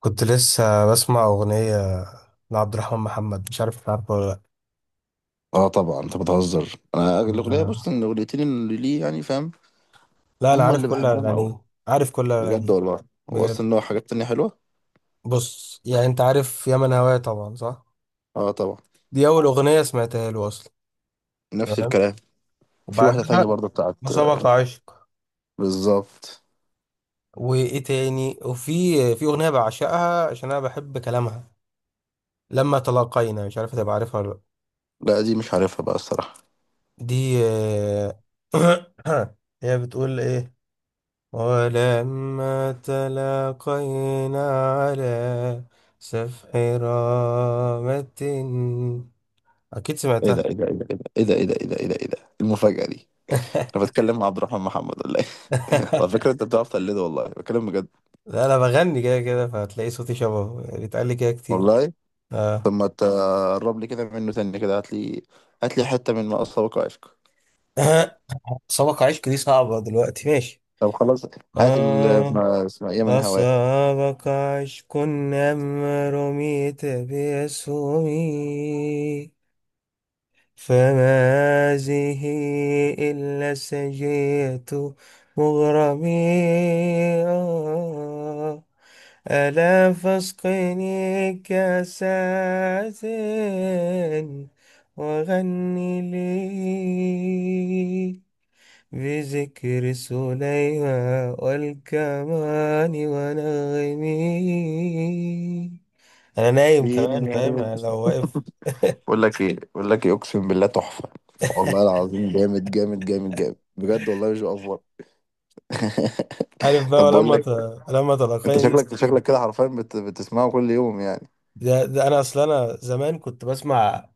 كنت لسه بسمع أغنية لعبد الرحمن محمد، مش عارف عارفه ولا اه طبعا، انت بتهزر. انا الاغنيه، لأ. بص، ان الاغنيتين اللي ليه يعني فاهم، لا، أنا هما عارف اللي كل بحبهم قوي. أغانيه. عارف كل بجد أغانيه. والله. هو بجد. اصلا له حاجات تانية حلوه. بص، يعني أنت عارف يا من هواه طبعا، صح؟ اه طبعا. دي أول أغنية سمعتها له أصلا. نفس تمام. الكلام. في واحده بعدها تانية برضه بتاعت. مسابقة عشق. بالظبط. وإيه تاني؟ في أغنية بعشقها عشان أنا بحب كلامها. لما تلاقينا، مش عارف هتبقى عارفها ولا لأ. لا دي مش عارفها بقى الصراحه. دي هي بتقول إيه؟ ولما تلاقينا على سفح رامة، أكيد ايه ده، سمعتها. ايه ده، ايه ده، ايه ده، ايه ده، ايه ده، ايه ده، ايه ده، المفاجاه دي؟ انا بتكلم مع عبد الرحمن محمد ولا ايه؟ على فكره انت بتعرف تقلده، والله بتكلم بجد. لا، أنا بغني كده كده، فهتلاقي صوتي شبهه، بيتقال لي كده كتير. والله. طب آه. ما تقرب لي كده منه تاني، كده هات لي حته من ما اسبق عشق. سبق عشق دي صعبة دلوقتي، ماشي. طب خلاص. هات ال آه. ما اسمها ايه من هواك. أصابك عشق أم رميت بأسهمي، فما هذه إلا سجية مغرمي. آه. ألا فاسقني كاسات وغني لي، بذكر سليمان والكمان ونغمي. أنا نايم كمان فيني يا فاهم، ريم. أنا لو واقف. بقول لك ايه، اقسم بالله تحفه. والله العظيم، جامد جامد جامد جامد، بجد والله مش بأفور. عارف بقى، طب بقول لك، لما انت تلقاني دي، شكلك استنى. شكلك كده حرفيا بتسمعه كل يوم يعني؟ ده انا اصل، انا زمان كنت بسمع.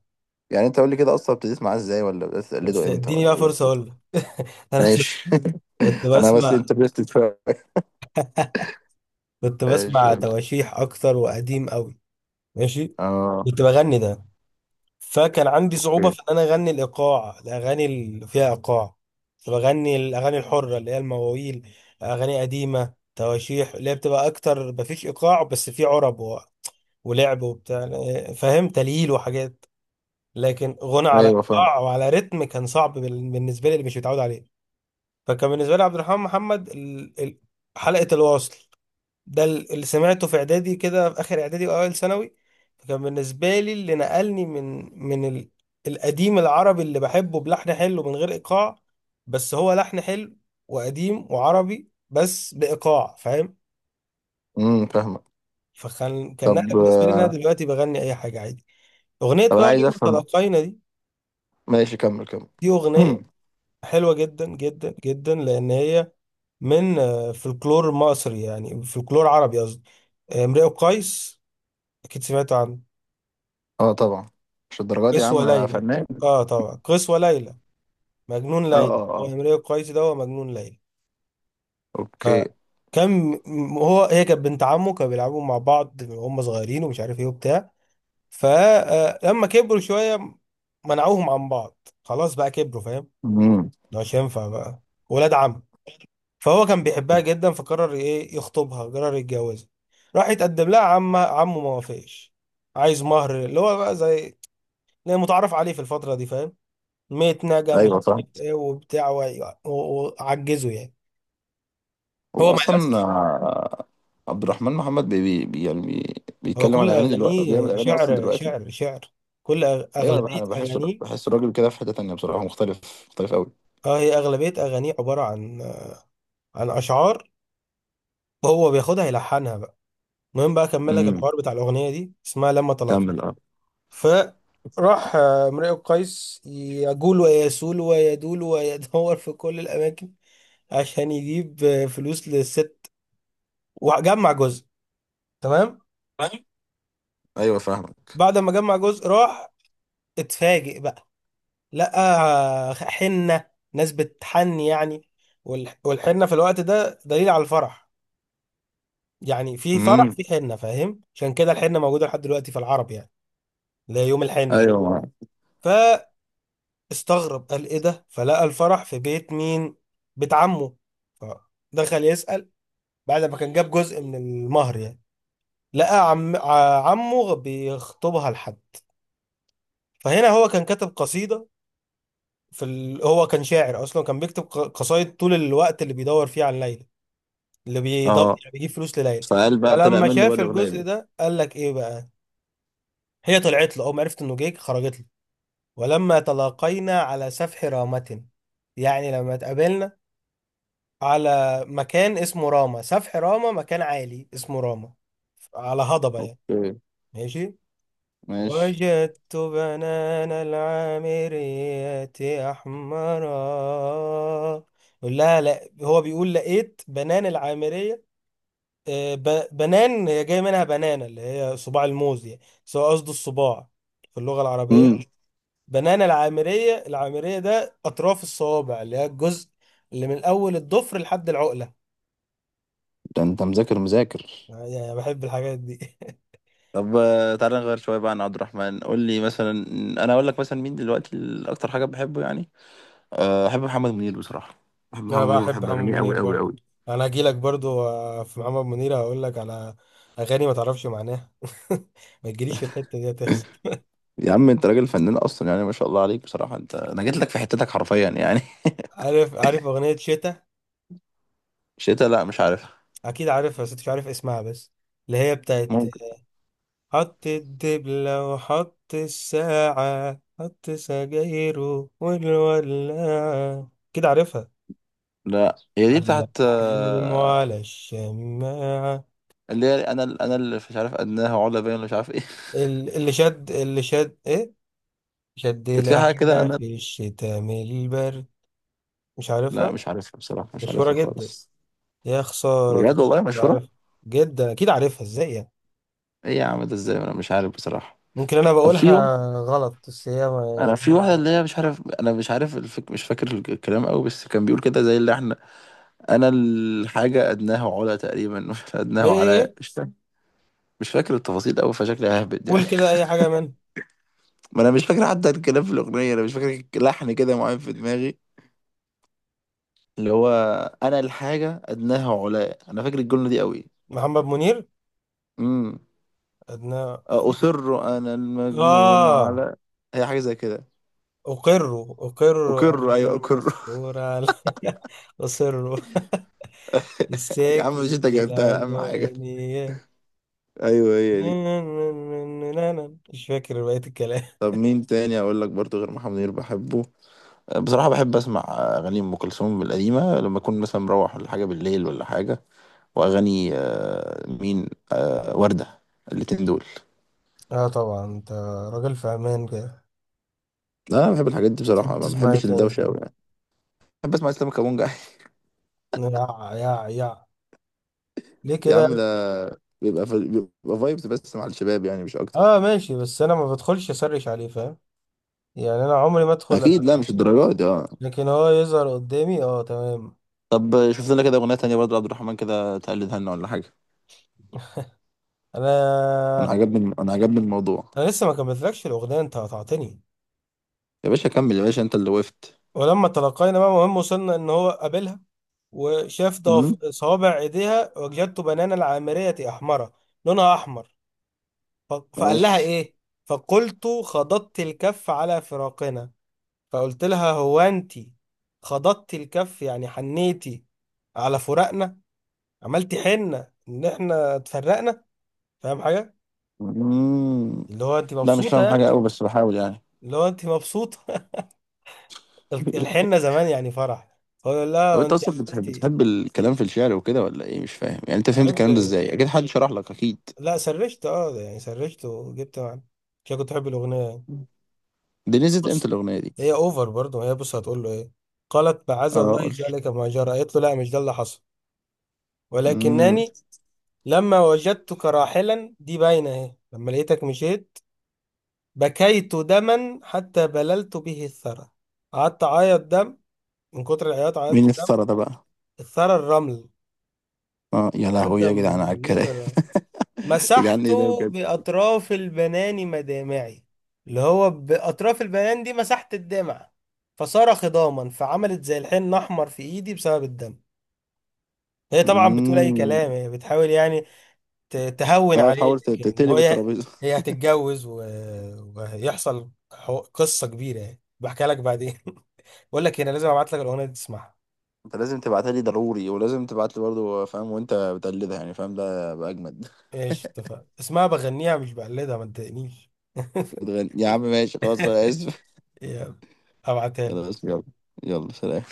يعني انت قول لي كده، اصلا ابتديت معاه ازاي، ولا بدأت بس تقلده امتى، اديني ولا بقى ايه فرصه اقول بالظبط؟ لك. انا أصل ماشي. كنت انا بس بسمع انترستد، فاهم. كنت ايش؟ بسمع قول لي. تواشيح اكتر وقديم قوي. ماشي. اه. كنت بغني ده، فكان عندي صعوبه اوكي. في ان انا اغني الايقاع، الاغاني اللي فيها ايقاع. كنت بغني الاغاني الحره اللي هي المواويل، اغاني قديمه، تواشيح، اللي هي بتبقى اكتر مفيش ايقاع، بس في عرب ولعب وبتاع، فاهم، تليل وحاجات. لكن غنى على ايوه فاهم. ايقاع وعلى رتم كان صعب بالنسبه لي، اللي مش متعود عليه. فكان بالنسبه لي عبد الرحمن محمد حلقه الواصل. ده اللي سمعته في اعدادي، كده في اخر اعدادي واوائل ثانوي. فكان بالنسبه لي اللي نقلني من القديم العربي اللي بحبه، بلحن حلو من غير ايقاع، بس هو لحن حلو، وقديم وعربي بس بايقاع فاهم. فاهمك. فكان طب نقله بالنسبه لي، إن انا دلوقتي بغني اي حاجه عادي. اغنيه طب انا بقى عايز لما افهم. تلاقينا دي، ماشي، كمل كمل. دي اغنيه حلوة جدا جدا جدا، لأن هي من فلكلور مصري، يعني فلكلور عربي قصدي. امرئ القيس أكيد سمعت عنه. اه طبعا. مش الدرجات دي يا قيس عم، انا وليلى. فنان. آه طبعا قيس وليلى، مجنون اه ليلى اه هو اه. امرئ القيس، ده هو مجنون ليلى. اوكي. فكان م- هو هي كانت بنت عمه، كانوا بيلعبوا مع بعض وهم صغيرين، ومش عارف ايه وبتاع. فلما كبروا شوية منعوهم عن بعض، خلاص بقى كبروا فاهم، امم. ده مش هينفع بقى، ولاد عم. فهو كان بيحبها جدا، فقرر ايه، يخطبها، قرر يتجوزها. راح يتقدم لها، عمه ما وافقش. عايز مهر، اللي هو بقى زي اللي متعرف عليه في الفترة دي فاهم، متنجة مش ايوه فاهم. عارف ايه وبتاع وعجزه يعني. هو هو ما اصلا، يأس. عبد الرحمن محمد بي بي بي- يعني بي هو بيتكلم عن كل اغاني دلوقتي، أو بيعمل أغانيه اغاني اصلا دلوقتي؟ شعر. ايوه. أغلبية أنا بحس أغانيه. بحس الراجل كده في حته تانيه بصراحه، مختلف مختلف قوي. اه، هي أغلبية أغانيه عبارة عن، عن أشعار. هو بياخدها يلحنها بقى. المهم بقى أكمل لك امم. الحوار بتاع الأغنية دي، اسمها لما طلقت. كمل. اه. فراح امرئ قيس يجول ويسول ويدول ويدور في كل الأماكن عشان يجيب فلوس للست، وجمع جزء. تمام. فاهم؟ ايوه فاهمك. بعد ما جمع جزء راح، اتفاجئ بقى، لقى حنة، ناس بتحني يعني. والحنة في الوقت ده دليل على الفرح، يعني في فرح امم. في حنة فاهم، عشان كده الحنة موجودة لحد دلوقتي في العرب، يعني اللي هي يوم الحنة. ايوه معاك. استغرب، قال ايه ده؟ فلقى الفرح في بيت مين؟ بيت عمه. فدخل يسأل، بعد ما كان جاب جزء من المهر يعني. لقى عم عمه بيخطبها لحد. فهنا هو كان كاتب قصيدة في هو كان شاعر اصلا، كان بيكتب قصايد طول الوقت اللي بيدور فيه عن ليلى، اللي بيدور اه. يعني بيجيب فلوس لليلى. فقال بقى، طلع فلما منه بقى شاف الاغنيه الجزء دي. ده قال لك ايه بقى. هي طلعت له اول ما عرفت انه جيك، خرجت له، ولما تلاقينا على سفح رامة، يعني لما اتقابلنا على مكان اسمه راما، سفح راما مكان عالي اسمه راما، على هضبة يعني. اوكي. ماشي. ماشي. وجدت بنان العامرية أحمرا. يقول لها، لا، هو بيقول لقيت بنان العامرية. بنان هي جاي منها بنانة، اللي هي صباع الموز يعني، بس هو قصده الصباع في اللغة العربية. امم بنان العامرية، العامرية ده أطراف الصوابع، اللي هي الجزء اللي من أول الضفر لحد العقلة. ده انت مذاكر مذاكر. يعني بحب الحاجات دي. طب، تعالى نغير شويه بقى عن عبد الرحمن. قول لي مثلا، انا اقول لك مثلا مين دلوقتي اكتر حاجه بحبه يعني. بحب محمد منير بصراحة. بحب محمد انا منير بحب وبحب محمد أغانيه منير أوي أوي أوي. برضو. انا هجي لك برضو، في محمد منير هقول لك على اغاني ما تعرفش معناها. ما تجيليش في الحته دي هتخسر. يا عم انت راجل فنان اصلا، يعني ما شاء الله عليك بصراحه، انا جيت لك في حتتك حرفيا يعني. عارف؟ عارف اغنيه شتا؟ شتا؟ لا مش عارفها. اكيد عارفها بس أنت مش عارف اسمها بس، اللي هي بتاعت ممكن. حط الدبله وحط الساعه، حط سجايره والولاعه، كده عارفها؟ لا هي دي علق بتاعت، حلمه على الشماعه. اللي هي انا اللي مش عارف، ادناه علا باين ولا مش عارف ايه. اللي شد، اللي شد ايه شد كانت في حاجه كده لحنا انا. في الشتاء من البرد. مش لا عارفها؟ مش عارفها بصراحه، مش مشهورة عارفها جدا. خالص. يا خسارة بجد كنت والله مشهوره. بعرفها. جدا. أكيد عارفها إزاي يعني. ايه يا عم ده ازاي انا مش عارف بصراحه. ممكن أنا طب في بقولها واحد. غلط، بس هي انا في واحده اللي هي مش عارف، انا مش عارف مش فاكر الكلام قوي، بس كان بيقول كده زي اللي. انا الحاجه ادناه علا تقريبا. إيه ادناه إيه على، إيه. مش فاكر. مش فاكر التفاصيل قوي، فشكلي ههبد يعني. قول كده أي حاجة من ما انا مش فاكر حتى الكلام في الاغنيه، انا مش فاكر لحن كده معين في دماغي، اللي هو. انا الحاجه ادناه علاء، انا فاكر الجمله دي قوي. محمد منير. امم أدنى. اصر انا المجنون آه. على، هي حاجه زي كده. أقر اقر، أنا ايوه اقر. المذكور على. أصر يا عم، مش الساكن انت في جبتها اهم حاجه. العنوانية. ايوه هي دي. مش فاكر بقية الكلام. طب مين تاني اقول لك برضو غير محمد منير بحبه؟ بصراحة بحب أسمع أغاني أم كلثوم القديمة لما أكون مثلا مروح ولا حاجة بالليل ولا حاجة. وأغاني مين، وردة. الاتنين دول. اه طبعا، انت راجل في امان كده. لا أنا بحب الحاجات دي بتحب بصراحة، ما تسمع ايه بحبش تاني؟ الدوشة أوي يعني. بحب أسمع إسلام كابونجا. يا يا يا ليه يا كده. عم ده بيبقى في... بيبقى فايبس بس مع الشباب، يعني مش أكتر. اه ماشي، بس انا ما بدخلش اسرش عليه فاهم، يعني انا عمري ما ادخل. أكيد. لا مش الدرجات دي أه. لكن هو يظهر قدامي اه تمام. طب شوف لنا كده أغنية تانية برضه عبد الرحمن كده، تقلدها لنا ولا حاجة. انا أنا عجبني الموضوع. انا لسه ما كملتلكش الاغنيه انت قطعتني. يا باشا كمل، يا باشا أنت اللي وقفت. ولما تلقينا بقى، مهم وصلنا ان هو قابلها، وشاف أمم. صوابع ايديها، وجدت بنانا العامرية احمرة، لونها احمر. فقال لها ماشي. ايه. فقلت خضضت الكف على فراقنا. فقلت لها هو انتي خضضتي الكف، يعني حنيتي على فراقنا، عملتي حنة ان احنا اتفرقنا. فاهم حاجة؟ أمم. اللي هو انتي لا مش مبسوطة فاهم يعني. حاجة أوي، بس بحاول يعني. اللي هو انتي مبسوطة. الحنة زمان يعني فرح. هو يقول طب لها انت انتي اصلا بتحب عملتي. بتحب الكلام في الشعر وكده ولا ايه؟ مش فاهم يعني، انت فهمت بحب. الكلام ده ازاي؟ اكيد حد شرح لك، اكيد. لا سرشت، اه يعني سرشت وجبت معنا عشان كنت بحب الاغنية يعني. دي نزلت امتى بص، الاغنيه دي؟ هي اوفر برضه. هي بص هتقول له ايه. قالت معاذ اه الله قول. ذلك ما جرى، قالت له لا مش ده اللي حصل، امم. ولكنني لما وجدتك راحلا، دي باينة اهي، لما لقيتك مشيت بكيت دما حتى بللت به الثرى. قعدت أعيط دم، من كتر العياط مين عيطت اللي دم. افترى ده بقى؟ الثرى الرمل، اه يا لحد لهوي يا ما جدعان على بليت الكلام. الرمل. يا جدعان ايه ده مسحته بجد. بأطراف البنان مدامعي، اللي هو بأطراف البنان دي مسحت الدمع. فصار خضاما، فعملت زي الحين أحمر في إيدي بسبب الدم. هي طبعا بتقول أي امم. كلام، هي بتحاول يعني تهون اه عليه، تحاول لكن هو تقلب الترابيزه. هي هتتجوز وهيحصل قصة كبيرة يعني، بحكي لك بعدين. بقول لك إيه، انا لازم ابعت لك الاغنية دي تسمعها. انت لازم تبعتها لي ضروري، ولازم تبعت لي برضه فاهم وانت بتقلدها يعني، فاهم؟ ده بقى اجمد. ايش اتفق اسمها بغنيها مش بقلدها ما تضايقنيش. بتغني. يا عم ماشي خلاص، انا اسف. يلا ابعتها خلاص لك يلا. يلا سلام.